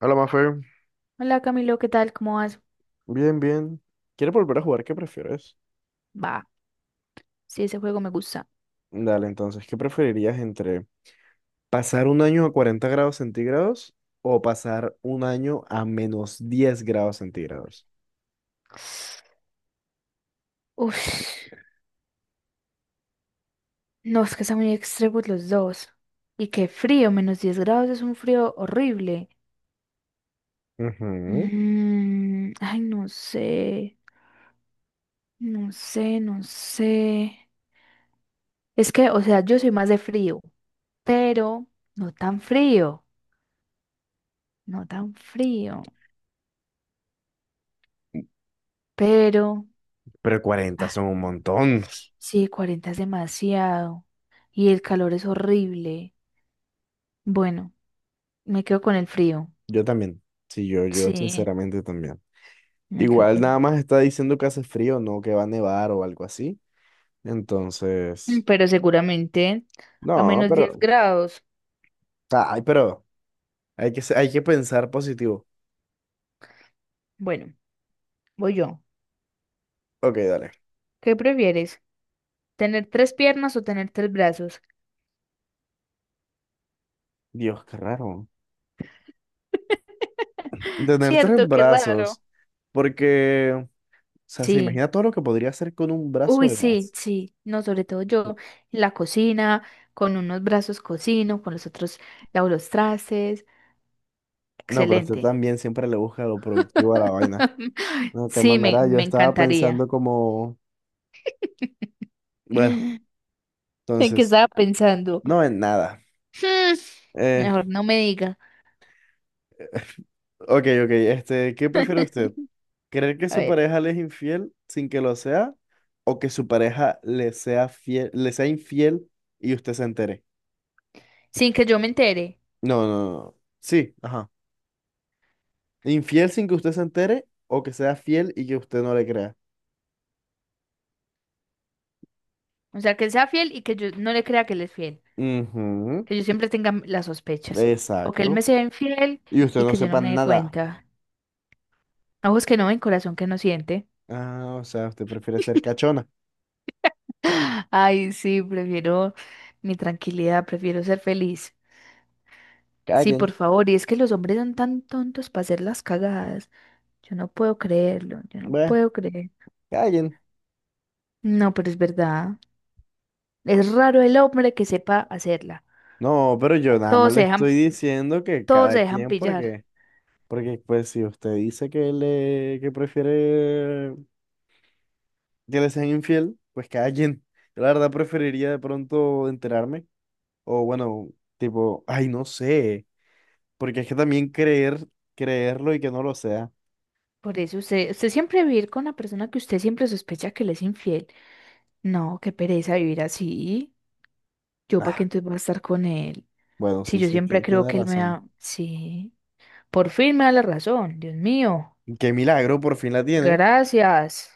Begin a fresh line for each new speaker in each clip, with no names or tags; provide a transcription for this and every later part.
Hola, Mafe.
Hola Camilo, ¿qué tal? ¿Cómo vas?
Bien, bien. ¿Quieres volver a jugar? ¿Qué prefieres?
Va, sí, ese juego me gusta.
Dale, entonces, ¿qué preferirías entre pasar un año a 40 grados centígrados o pasar un año a -10 grados centígrados?
Uf, no, es que están muy extremos los dos. Y qué frío, -10 grados es un frío horrible.
Ujú.
Ay, no sé, no sé, no sé. Es que, o sea, yo soy más de frío, pero no tan frío, no tan frío. Pero,
Pero 40
ah,
son un montón.
sí, 40 es demasiado. Y el calor es horrible. Bueno, me quedo con el frío.
Yo también. Sí, yo
Sí,
sinceramente también.
me quedo
Igual nada
con...
más está diciendo que hace frío, no que va a nevar o algo así. Entonces,
Pero seguramente a
no,
menos 10
pero,
grados.
ay, pero hay que pensar positivo.
Bueno, voy yo.
Ok, dale.
¿Qué prefieres? ¿Tener tres piernas o tener tres brazos?
Dios, qué raro. Tener tres
Cierto, qué raro.
brazos, porque, o sea, se
Sí.
imagina todo lo que podría hacer con un brazo
Uy,
de
sí,
más.
sí. No, sobre todo yo en la cocina, con unos brazos cocino, con los otros lavo los trastes.
No, pero usted
Excelente.
también siempre le busca lo productivo a la vaina. No, qué
Sí, me,
mamera, yo
me
estaba
encantaría.
pensando como, bueno,
¿En qué
entonces,
estaba pensando?
no en nada.
Hmm,
Eh,
Mejor no me diga.
ok, ok, este, ¿qué prefiere usted? ¿Creer que
A
su
ver.
pareja le es infiel sin que lo sea? ¿O que su pareja le sea fiel, le sea infiel y usted se entere?
Sin que yo me entere.
No, no, no. no. Sí, ajá. Infiel sin que usted se entere o que sea fiel y que usted no le crea.
O sea, que él sea fiel y que yo no le crea que él es fiel.
Ujú.
Que yo siempre tenga las sospechas. O que él me
Exacto.
sea infiel
Y usted
y
no
que yo no
sepa
me dé
nada.
cuenta. Ojos que no ven, corazón que no siente.
Ah, o sea, usted prefiere ser cachona.
Ay, sí, prefiero mi tranquilidad, prefiero ser feliz. Sí,
Callen.
por favor, y es que los hombres son tan tontos para hacer las cagadas. Yo no puedo creerlo, yo no
Bueno,
puedo creer.
callen.
No, pero es verdad. Es raro el hombre que sepa hacerla.
No, pero yo nada más
Todos se
le estoy
dejan,
diciendo que
todos
cada
se dejan
quien,
pillar.
porque, porque pues si usted dice que le, que prefiere que le sean infiel, pues callen. Yo la verdad preferiría de pronto enterarme. O bueno, tipo, ay, no sé. Porque es que también creer, creerlo y que no lo sea.
Por eso usted siempre vivir con la persona que usted siempre sospecha que le es infiel. No, qué pereza vivir así. Yo para qué
Ah,
entonces voy a estar con él.
bueno,
Si
sí,
yo
sí,
siempre creo
tiene
que él me
razón.
da. Sí. Por fin me da la razón. Dios mío.
Qué milagro, por fin la tiene.
Gracias.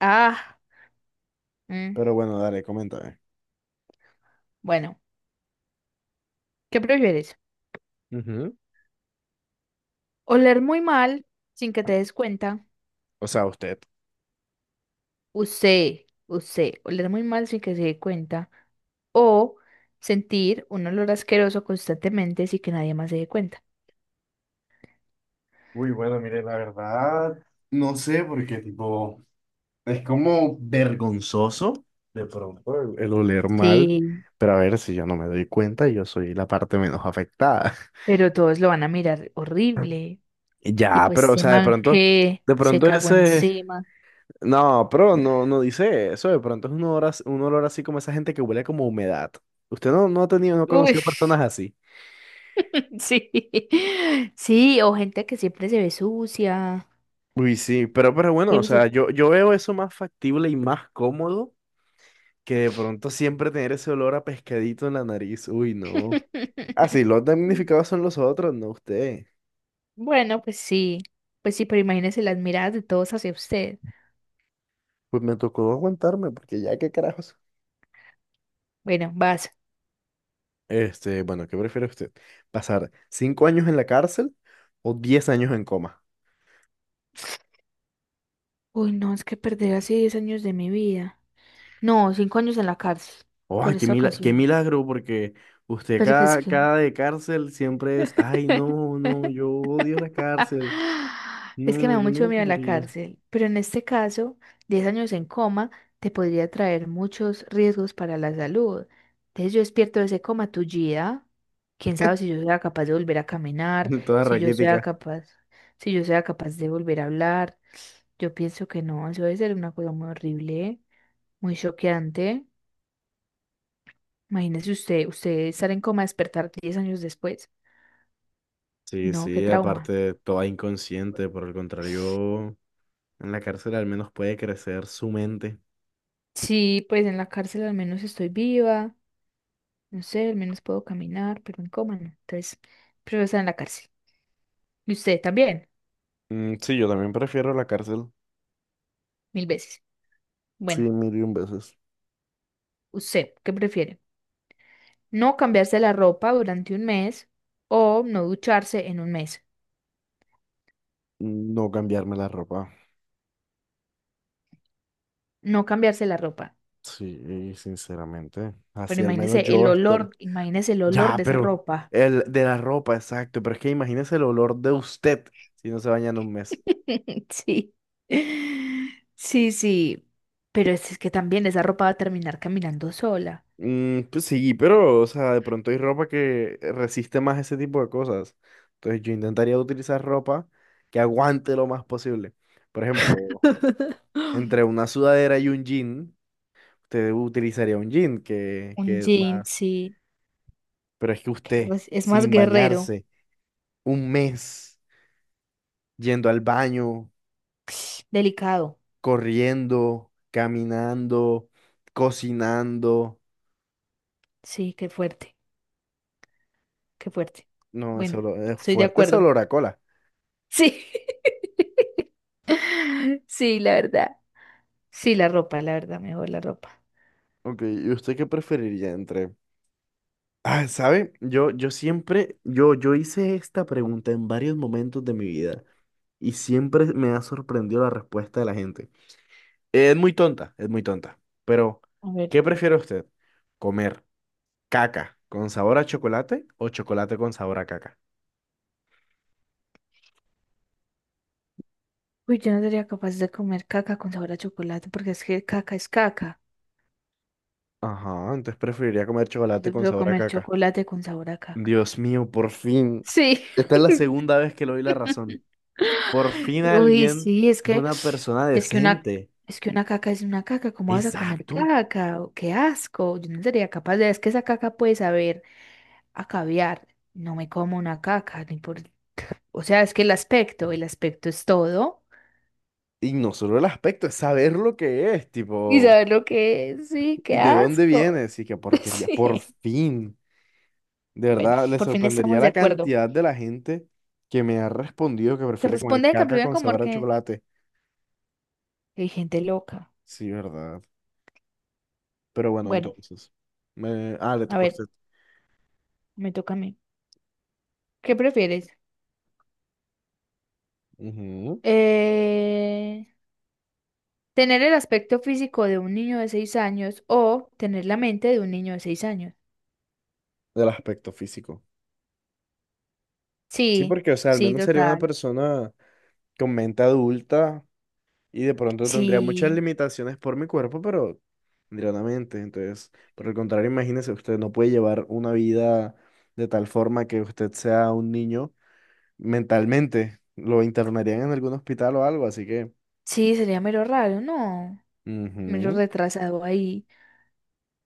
Ah. Mm.
Pero bueno, dale, coméntame.
Bueno, ¿qué prefieres?
Ujú.
Oler muy mal sin que te des cuenta.
O sea, usted.
Usted, oler muy mal sin que se dé cuenta. O sentir un olor asqueroso constantemente sin que nadie más se dé cuenta.
Uy, bueno, mire, la verdad, no sé, porque tipo, es como vergonzoso de pronto el oler mal,
Sí.
pero a ver si yo no me doy cuenta, yo soy la parte menos afectada.
Pero todos lo van a mirar horrible.
Ya,
Tipo,
pero o
este
sea, de
man
pronto,
que
de
se
pronto
cagó
ese,
encima.
No, pero no, no dice eso. De pronto es un olor, un olor así como esa gente que huele como a humedad. Usted no, no ha tenido, no ha
Uy,
conocido personas así.
sí. Sí, o gente que siempre se ve sucia.
Uy, sí, pero
que
bueno, o sea,
se-
yo veo eso más factible y más cómodo que de pronto siempre tener ese olor a pescadito en la nariz. Uy, no. Ah, sí, los damnificados son los otros, no usted.
Bueno, pues sí. Pues sí, pero imagínese las miradas de todos hacia usted.
Pues me tocó aguantarme, porque ya qué carajos.
Bueno, vas.
Este, bueno, ¿qué prefiere usted? ¿Pasar 5 años en la cárcel o 10 años en coma?
Uy, no, es que perder así 10 años de mi vida. No, 5 años en la cárcel por
Ay,
esta
qué
ocasión.
milagro, porque usted
Pero que es
cada,
que...
cada de cárcel siempre es, ay, no, no, yo odio la cárcel.
Es que me
No,
da
yo
mucho
no
miedo la
podría.
cárcel, pero en este caso, 10 años en coma te podría traer muchos riesgos para la salud. Entonces yo despierto de ese coma tullida, quién sabe si yo sea capaz de volver a caminar,
Toda
si yo sea
raquítica.
capaz, si yo sea capaz de volver a hablar. Yo pienso que no, eso debe ser una cosa muy horrible, muy choqueante. Imagínese usted estar en coma, despertar 10 años después.
Sí,
No, qué
sí,
trauma.
aparte, toda inconsciente, por el contrario, en la cárcel al menos puede crecer su mente.
Sí, pues en la cárcel al menos estoy viva. No sé, al menos puedo caminar, pero en coma no. Entonces, prefiero estar en la cárcel. Y usted también,
Mm, sí, yo también prefiero la cárcel.
mil veces.
Sí,
Bueno,
mil y un veces.
¿usted qué prefiere? ¿No cambiarse la ropa durante un mes o no ducharse en un mes?
No cambiarme la ropa.
No cambiarse la ropa.
Sí, sinceramente.
Pero
Así al menos yo estaré.
imagínese el olor
Ya,
de esa
pero
ropa.
el de la ropa, exacto. Pero es que imagínese el olor de usted si no se baña en un mes.
Sí. Sí, sí. Pero es que también esa ropa va a terminar caminando sola.
Mm, pues sí, pero, o sea, de pronto hay ropa que resiste más ese tipo de cosas. Entonces yo intentaría utilizar ropa que aguante lo más posible. Por ejemplo, entre una sudadera y un jean, usted utilizaría un jean
Un
que es
jean,
más.
sí.
Pero es que usted,
Pero es más
sin
guerrero.
bañarse, un mes yendo al baño,
Delicado.
corriendo, caminando, cocinando.
Sí, qué fuerte, qué fuerte.
No, ese
Bueno,
olor- es
estoy de
fuerte ese
acuerdo.
olor a cola.
Sí, sí, la verdad. Sí, la ropa, la verdad, mejor la ropa.
Ok, ¿y usted qué preferiría entre? Ah, ¿sabe? Yo hice esta pregunta en varios momentos de mi vida y siempre me ha sorprendido la respuesta de la gente. Es muy tonta, es muy tonta. Pero,
A ver.
¿qué prefiere usted? ¿Comer caca con sabor a chocolate o chocolate con sabor a caca?
Uy, yo no sería capaz de comer caca con sabor a chocolate porque es que caca es caca.
Ajá, entonces preferiría comer chocolate
Yo
con
puedo
sabor a
comer
caca.
chocolate con sabor a caca.
Dios mío, por fin.
Sí.
Esta es la segunda vez que le doy la razón. Por fin
Uy,
alguien
sí,
es una persona
es que una
decente.
es que una caca es una caca, ¿cómo vas a comer
Exacto.
caca? Oh, qué asco. Yo no sería capaz de, es que esa caca puede saber a caviar, no me como una caca, ni por... O sea, es que el aspecto es todo.
Y no solo el aspecto, es saber lo que es,
¿Y
tipo,
sabes lo que es? Sí, qué
de dónde
asco.
vienes y qué porquería. Por
Sí.
fin. De
Bueno,
verdad, le
por fin
sorprendería
estamos de
la
acuerdo.
cantidad de la gente que me ha respondido que
Que
prefiere comer
responden que
caca
primero
con
como
sabor a
que
chocolate.
que hay gente loca.
Sí, ¿verdad? Pero bueno,
Bueno,
entonces. Ah, le
a
tocó a
ver,
usted.
me toca a mí. ¿Qué prefieres?
Ujú.
Eh, ¿Tener el aspecto físico de un niño de 6 años o tener la mente de un niño de seis años?
Del aspecto físico. Sí,
Sí,
porque, o sea, al
sí,
menos sería una
total.
persona con mente adulta y de pronto tendría muchas
Sí,
limitaciones por mi cuerpo, pero tendría una mente. Entonces, por el contrario, imagínese, usted no puede llevar una vida de tal forma que usted sea un niño mentalmente. Lo internarían en algún hospital o algo, así que...
sí, sería mero raro, ¿no? Medio
ujú,
retrasado ahí.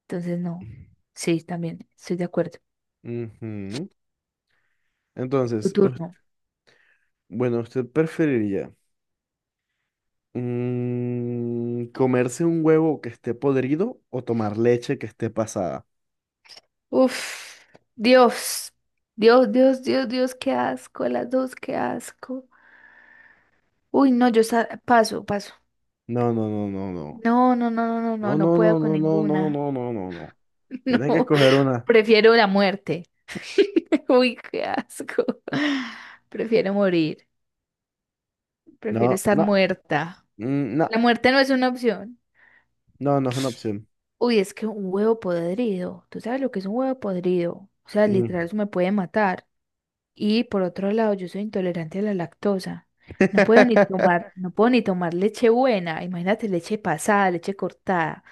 Entonces, no. Sí, también, estoy de acuerdo.
ujú.
Tu
Entonces,
turno.
bueno, ¿usted preferiría comerse un huevo que esté podrido o tomar leche que esté pasada?
Uf, Dios. Dios, Dios, Dios, Dios, qué asco. Las dos, qué asco. Uy, no, paso, paso.
No, no, no, no, no.
No, no, no, no, no, no,
No,
no
no,
puedo
no,
con
no, no, no,
ninguna.
no, no, no, no. no. Tienes que
No,
escoger una.
prefiero la muerte. Uy, qué asco. Prefiero morir.
No,
Prefiero estar
no,
muerta.
no,
La muerte no es una opción.
no, no es una opción.
Uy, es que un huevo podrido, ¿tú sabes lo que es un huevo podrido? O sea, literal,
Mm.
eso me puede matar. Y por otro lado, yo soy intolerante a la lactosa. No puedo ni tomar, no puedo ni tomar leche buena. Imagínate leche pasada, leche cortada.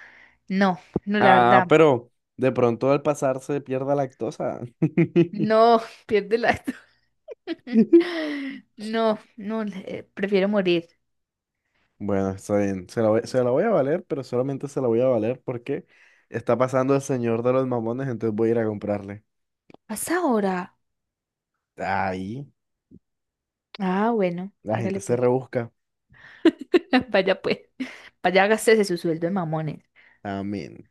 No, no, la
Ah,
verdad,
pero de pronto al pasar se pierda lactosa.
no, pierde la... No, no, prefiero morir.
Bueno, está bien. Se la voy a valer, pero solamente se la voy a valer porque está pasando el señor de los mamones, entonces voy a ir a comprarle.
¿Hasta ahora?
Ahí,
Ah, bueno,
la gente
hágale
se
pues.
rebusca.
Vaya pues, vaya, gástese su sueldo de mamones.
Amén.